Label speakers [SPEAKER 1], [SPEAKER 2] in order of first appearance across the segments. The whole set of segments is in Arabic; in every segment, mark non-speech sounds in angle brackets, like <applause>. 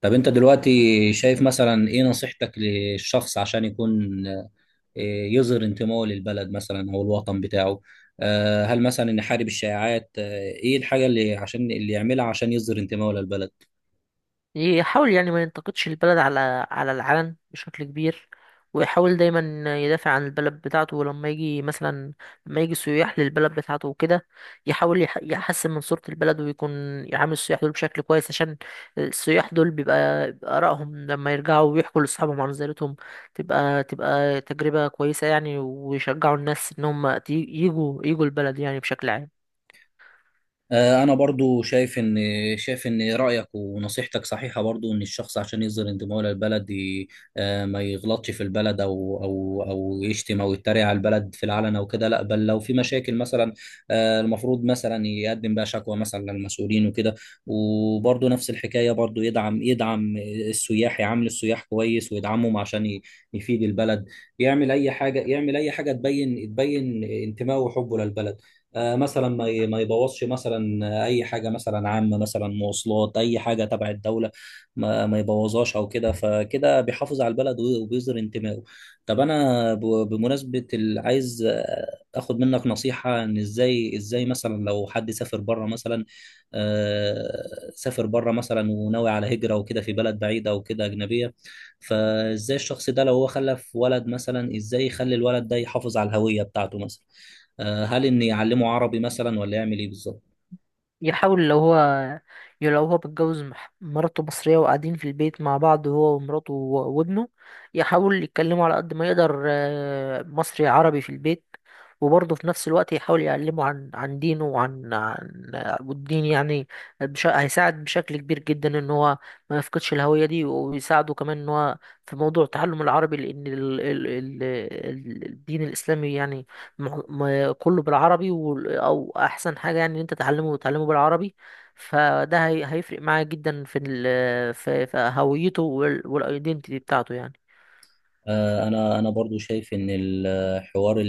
[SPEAKER 1] طب انت دلوقتي شايف مثلا ايه نصيحتك للشخص عشان يكون يظهر انتمائه للبلد مثلا او الوطن بتاعه. هل مثلا يحارب الشائعات، ايه الحاجة اللي عشان اللي يعملها عشان يظهر انتمائه للبلد؟
[SPEAKER 2] يحاول يعني ما ينتقدش البلد على العلن بشكل كبير، ويحاول دايما يدافع عن البلد بتاعته. ولما يجي مثلا، لما يجي سياح للبلد بتاعته وكده، يحاول يحسن من صورة البلد، ويكون يعامل السياح دول بشكل كويس، عشان السياح دول بيبقى آرائهم لما يرجعوا ويحكوا لأصحابهم عن زيارتهم تبقى تجربة كويسة يعني، ويشجعوا الناس إن هم يجوا البلد يعني بشكل عام.
[SPEAKER 1] انا برضو شايف ان رايك ونصيحتك صحيحه، برضو ان الشخص عشان يظهر انتمائه للبلد ما يغلطش في البلد او يشتم او يتريق على البلد في العلن او كده، لا بل لو في مشاكل مثلا، المفروض مثلا يقدم بقى شكوى مثلا للمسؤولين وكده. وبرضو نفس الحكايه، برضو يدعم السياح، يعامل السياح كويس ويدعمهم عشان يفيد البلد. يعمل اي حاجه تبين انتمائه وحبه للبلد. مثلا ما يبوظش مثلا اي حاجه مثلا عامه، مثلا مواصلات، اي حاجه تبع الدوله ما يبوظهاش او كده. فكده بيحافظ على البلد وبيظهر انتمائه. طب انا بمناسبه عايز اخد منك نصيحه ان ازاي مثلا لو حد سافر بره مثلا، آه، سافر بره مثلا وناوي على هجره وكده في بلد بعيده او كده اجنبيه، فازاي الشخص ده لو هو خلف ولد مثلا ازاي يخلي الولد ده يحافظ على الهويه بتاعته مثلا؟ هل إني أعلمه عربي مثلا ولا يعمل إيه بالظبط؟
[SPEAKER 2] يحاول لو هو لو هو متجوز، مراته مصرية وقاعدين في البيت مع بعض، هو ومراته وابنه، يحاول يتكلموا على قد ما يقدر مصري عربي في البيت. وبرضه في نفس الوقت يحاول يعلمه عن دينه وعن عن والدين يعني هيساعد بشكل كبير جدا ان هو ما يفقدش الهوية دي، ويساعده كمان ان هو في موضوع تعلم العربي، لان الدين الاسلامي يعني كله بالعربي، او احسن حاجه يعني ان انت تتعلمه بالعربي. فده هيفرق معاه جدا في في هويته والايدنتيتي بتاعته يعني.
[SPEAKER 1] انا برضو شايف ان الحوار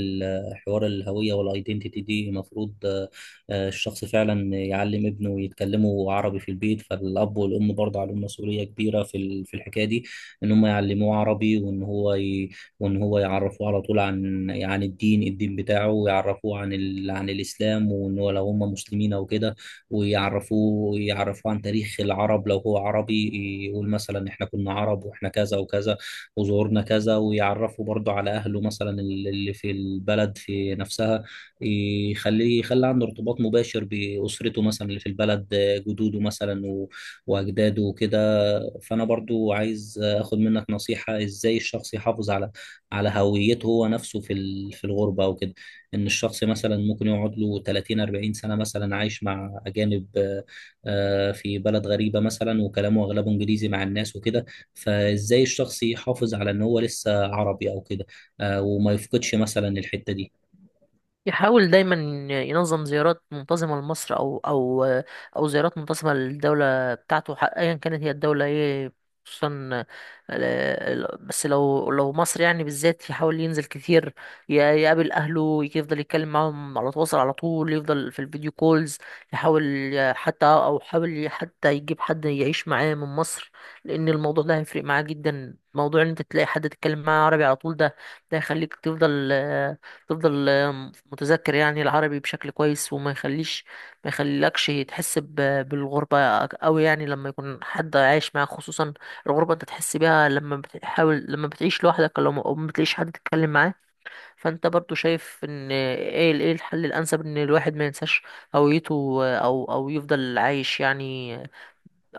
[SPEAKER 1] حوار الهويه والايدنتيتي دي المفروض، الشخص فعلا يعلم ابنه يتكلموا عربي في البيت. فالاب والام برضه عليهم مسؤوليه كبيره في في الحكايه دي، ان هم يعلموه عربي وان وان هو يعرفوه على طول عن عن الدين بتاعه، ويعرفوه عن عن الاسلام وان هو لو هم مسلمين او كده، ويعرفوه عن تاريخ العرب لو هو عربي. يقول مثلا احنا كنا عرب واحنا كذا وكذا وزورنا كذا. ويعرفه برضه على أهله مثلا اللي في البلد في نفسها، يخلي عنده ارتباط مباشر بأسرته مثلا اللي في البلد، جدوده مثلا و- وأجداده وكده. فأنا برضو عايز أخد منك نصيحة إزاي الشخص يحافظ على على هويته هو نفسه في في الغربة أو كده. إن الشخص مثلا ممكن يقعد له 30 40 سنة مثلا عايش مع أجانب، في بلد غريبة مثلا وكلامه أغلبه إنجليزي مع الناس وكده. فازاي الشخص يحافظ على ان هو لسه عربي او كده، وما يفقدش مثلا الحتة دي؟
[SPEAKER 2] يحاول دايما ينظم زيارات منتظمة لمصر، أو أو زيارات منتظمة للدولة بتاعته، أيا كانت هي الدولة إيه. خصوصا ال- بس لو مصر يعني بالذات، يحاول ينزل كتير، يقابل أهله، يفضل يتكلم معاهم، على تواصل على طول، يفضل في الفيديو كولز. يحاول ي- حتى أو حاول حتى يجيب حد يعيش معاه من مصر، لأن الموضوع ده هيفرق معاه جدا. موضوع إن أنت تلاقي حد تتكلم معاه عربي على طول، ده يخليك تفضل، تفضل متذكر يعني العربي بشكل كويس، وما يخليش، ما يخليلكش تحس بالغربة قوي يعني، لما يكون حد عايش معاك. خصوصا الغربة انت تحس بيها لما بتحاول، لما بتعيش لوحدك، لو ما- او ما بتلاقيش حد تتكلم معاه. فانت برضو شايف ان ايه ايه الحل الانسب ان الواحد ما ينساش هويته، او يفضل عايش يعني،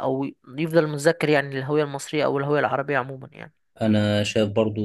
[SPEAKER 2] او يفضل متذكر يعني الهوية المصرية او الهوية العربية عموما يعني.
[SPEAKER 1] أنا شايف برضو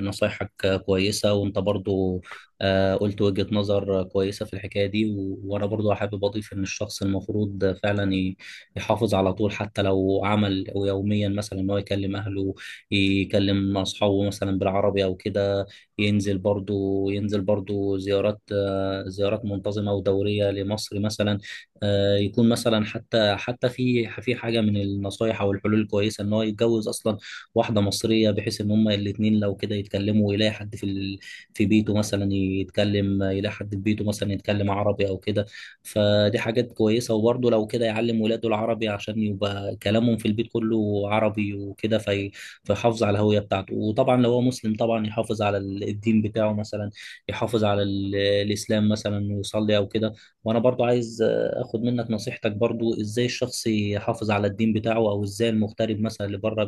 [SPEAKER 1] نصايحك كويسة وأنت برضو، قلت وجهة نظر كويسة في الحكاية دي. وأنا برضو حابب أضيف إن الشخص المفروض فعلا يحافظ على طول، حتى لو عمل يوميا مثلا إن هو يكلم أهله، يكلم أصحابه مثلا بالعربي أو كده. ينزل برضو زيارات، زيارات منتظمة ودورية لمصر مثلا. يكون مثلا حتى في في حاجة من النصايح أو الحلول الكويسة إن هو يتجوز أصلا واحده مصريه، بحيث ان هما الاثنين لو كده يتكلموا ويلاقي حد في في بيته مثلا يتكلم، يلاقي حد في بيته مثلا يتكلم عربي او كده. فدي حاجات كويسه، وبرضه لو كده يعلم ولاده العربي عشان يبقى كلامهم في البيت كله عربي وكده فيحافظ على الهويه بتاعته. وطبعا لو هو مسلم طبعا يحافظ على الدين بتاعه مثلا، يحافظ على الاسلام مثلا ويصلي او كده. وانا برضو عايز اخد منك نصيحتك برضو، ازاي الشخص يحافظ على الدين بتاعه؟ او ازاي المغترب مثلا اللي بره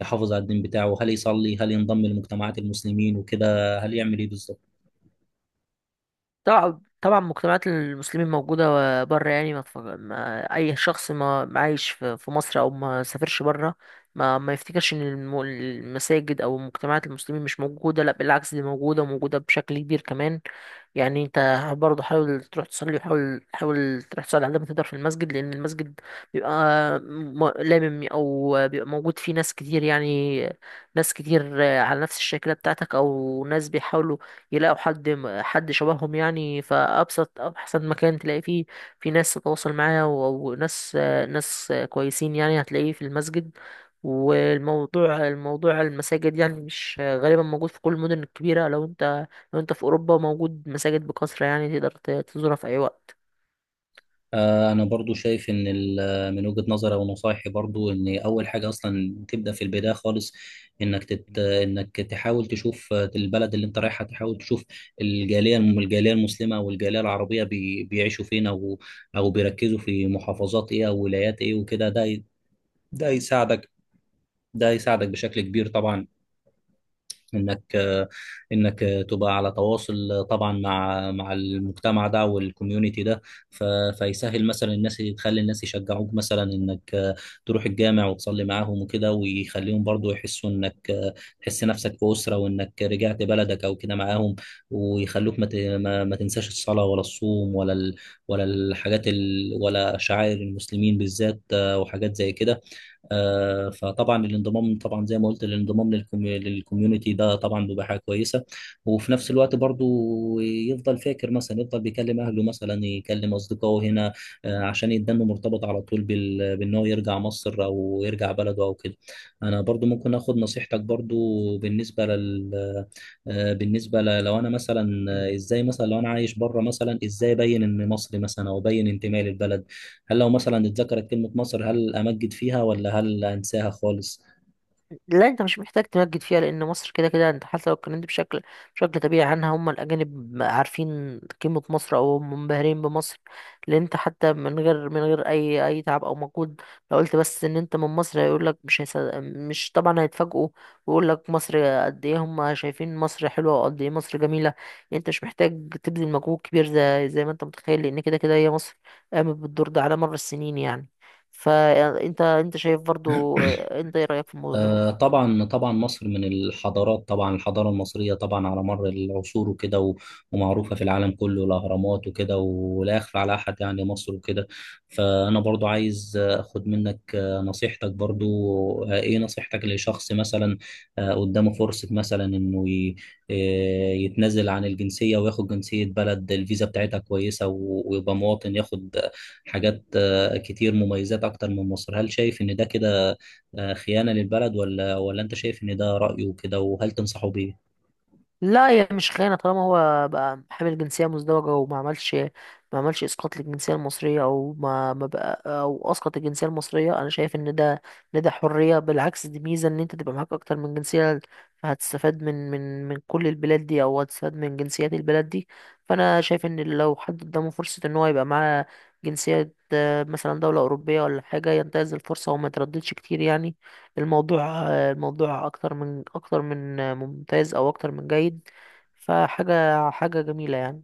[SPEAKER 1] يحافظ على الدين بتاعه؟ هل يصلي؟ هل ينضم لمجتمعات المسلمين وكده؟ هل يعمل ايه بالظبط؟
[SPEAKER 2] طبعا طبعا مجتمعات المسلمين موجودة بره يعني. ما أي شخص، ما عايش في مصر أو ما سافرش بره، ما يفتكرش إن المساجد أو مجتمعات المسلمين مش موجودة. لا، بالعكس، دي موجودة وموجودة بشكل كبير كمان يعني. أنت برضه حاول تروح تصلي، وحاول تروح تصلي على قد ما تقدر في المسجد، لأن المسجد بيبقى م- لامم أو بيبقى موجود فيه ناس كتير يعني. ناس كتير على نفس الشكل بتاعتك، أو ناس بيحاولوا يلاقوا حد شبههم يعني. فأبسط أحسن مكان تلاقي فيه في ناس تتواصل معاها وناس ناس كويسين يعني، هتلاقيه في المسجد. والموضوع المساجد يعني مش غالبا، موجود في كل المدن الكبيرة. لو انت لو انت في أوروبا، موجود مساجد بكثرة يعني، تقدر تزورها في أي وقت.
[SPEAKER 1] انا برضو شايف ان من وجهة نظري ونصايحي برضو ان اول حاجة اصلا تبدأ في البداية خالص، انك تحاول تشوف البلد اللي انت رايحها، تحاول تشوف الجالية المسلمة والجالية العربية بيعيشوا فين، او او بيركزوا في محافظات ايه او ولايات ايه وكده. ده يساعدك، ده يساعدك بشكل كبير طبعا، انك انك تبقى على تواصل طبعا مع مع المجتمع ده والكوميونتي ده. ف- فيسهل مثلا، الناس تخلي الناس يشجعوك مثلا انك تروح الجامع وتصلي معاهم وكده، ويخليهم برضو يحسوا انك تحس نفسك في أسرة وانك رجعت بلدك او كده معاهم، ويخلوك ما ت- ما ما تنساش الصلاة ولا الصوم ولا ولا الحاجات ولا شعائر المسلمين بالذات، وحاجات زي كده. فطبعا الانضمام، طبعا زي ما قلت، الانضمام للكوميونتي ده طبعا بيبقى حاجه كويسه. وفي نفس الوقت برضو يفضل فاكر مثلا، يفضل بيكلم اهله مثلا، يكلم اصدقائه هنا، عشان يدنه مرتبط على طول بان هو يرجع مصر او يرجع بلده او كده. انا برضو ممكن اخد نصيحتك برضو بالنسبه لل بالنسبه لو انا مثلا، ازاي مثلا لو انا عايش بره مثلا ازاي ابين ان مصري مثلا، او ابين انتمائي للبلد؟ هل لو مثلا اتذكرت كلمة مصر هل أمجد فيها، ولا هل أنساها خالص؟
[SPEAKER 2] لا، انت مش محتاج تمجد فيها، لان مصر كده كده. انت حتى لو اتكلمت بشكل طبيعي عنها، هم الاجانب عارفين قيمه مصر، او هم منبهرين بمصر. لان انت حتى من غير من غير اي تعب او مجهود، لو قلت بس ان انت من مصر، هيقول لك، مش هيصدق، مش طبعا، هيتفاجئوا ويقول لك مصر قد ايه. هم شايفين مصر حلوه وقد ايه مصر جميله يعني. انت مش محتاج تبذل مجهود كبير زي ما انت متخيل، لان كده كده هي مصر قامت بالدور ده على مر السنين يعني. فانت شايف برضو، انت ايه رايك في الموضوع ده؟
[SPEAKER 1] طبعا مصر من الحضارات، طبعا الحضارة المصرية طبعا على مر العصور وكده، ومعروفة في العالم كله، الأهرامات وكده ولا يخفى على أحد يعني مصر وكده. فأنا برضو عايز أخد منك نصيحتك برضو. إيه نصيحتك لشخص مثلا، قدامه فرصة مثلا إنه يتنازل عن الجنسية وياخد جنسية بلد الفيزا بتاعتها كويسة، ويبقى مواطن، ياخد حاجات، كتير مميزات أكتر من مصر؟ هل شايف إن ده كده خيانة للبلد، ولا ولا أنت شايف إن ده رأيه كده وهل تنصحه بيه؟
[SPEAKER 2] لا، هي مش خيانة، طالما هو بقى حامل جنسية مزدوجة وما عملش، ما عملش إسقاط للجنسية المصرية، أو ما بقى أو أسقط الجنسية المصرية. أنا شايف إن ده حرية، بالعكس دي ميزة إن أنت تبقى معاك أكتر من جنسية، فهتستفاد من من كل البلاد دي، أو هتستفاد من جنسيات البلاد دي. فأنا شايف إن لو حد قدامه فرصة إن هو يبقى معاه جنسية، مثلا دولة أوروبية ولا حاجة، ينتهز الفرصة وما يترددش كتير يعني. الموضوع اكتر من اكتر من ممتاز، او اكتر من جيد، حاجه جميله يعني.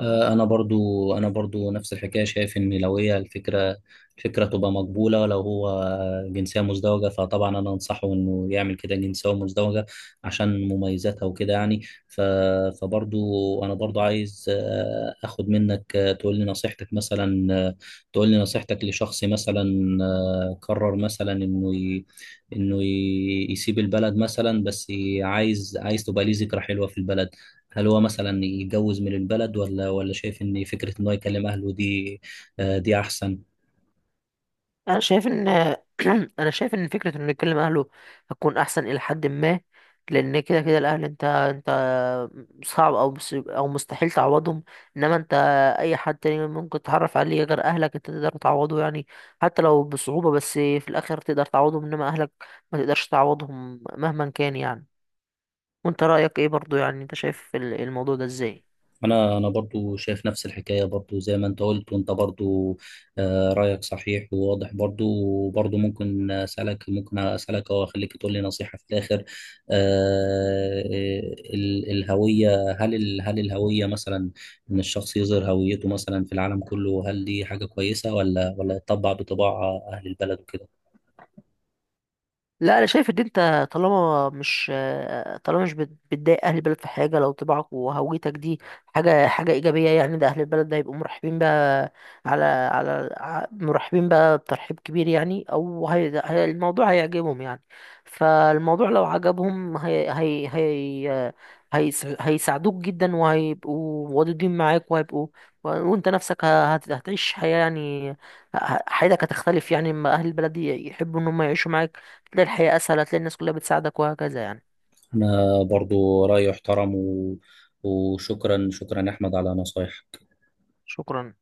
[SPEAKER 1] انا برضو نفس الحكايه، شايف ان لو هي الفكره تبقى مقبوله لو هو جنسيه مزدوجه. فطبعا انا انصحه انه يعمل كده جنسيه مزدوجه عشان مميزاتها وكده يعني. ف فبرضو انا برضو عايز اخد منك، تقول لي نصيحتك مثلا، تقول لي نصيحتك لشخص مثلا، قرر مثلا يسيب البلد مثلا، بس عايز، عايز تبقى ليه ذكرى حلوه في البلد. هل هو مثلا يتجوز من البلد، ولا ولا شايف ان فكره ان هو يكلم اهله دي، دي احسن؟
[SPEAKER 2] انا شايف ان <clears throat> انا شايف ان فكره انه يكلم اهله هتكون احسن الى حد ما. لان كده كده الاهل، انت صعب او مستحيل تعوضهم. انما انت، اي حد تاني ممكن تتعرف عليه غير اهلك، انت تقدر تعوضه يعني، حتى لو بصعوبه، بس في الاخر تقدر تعوضهم. انما اهلك ما تقدرش تعوضهم مهما كان يعني. وانت رأيك ايه برضو يعني؟ انت شايف الموضوع ده ازاي؟
[SPEAKER 1] انا برضو شايف نفس الحكايه برضو زي ما انت قلت، وانت برضو، رايك صحيح وواضح برضو. وبرضو ممكن اسالك او اخليك تقول لي نصيحه في الاخر، آه، الهويه، هل الهويه مثلا، ان الشخص يظهر هويته مثلا في العالم كله، هل دي حاجه كويسه، ولا ولا يطبع بطباع اهل البلد وكده؟
[SPEAKER 2] لا، انا شايف ان انت طالما مش طالما مش بتضايق اهل البلد في حاجه، لو طباعك وهويتك دي حاجه ايجابيه يعني، ده اهل البلد ده يبقوا مرحبين بقى، مرحبين بقى بترحيب كبير يعني، او الموضوع هيعجبهم يعني. فالموضوع لو عجبهم، هيساعدوك جدا، وهيبقوا ودودين معاك، وهيبقوا، وانت نفسك هتعيش حياه يعني. حياتك هتختلف يعني، اما اهل البلد يحبوا ان هم يعيشوا معاك، تلاقي الحياة أسهل، هتلاقي الناس كلها بتساعدك وهكذا يعني.
[SPEAKER 1] أنا برضو رأيي احترم وشكرا، شكرا يا أحمد على نصايحك.
[SPEAKER 2] شكرا.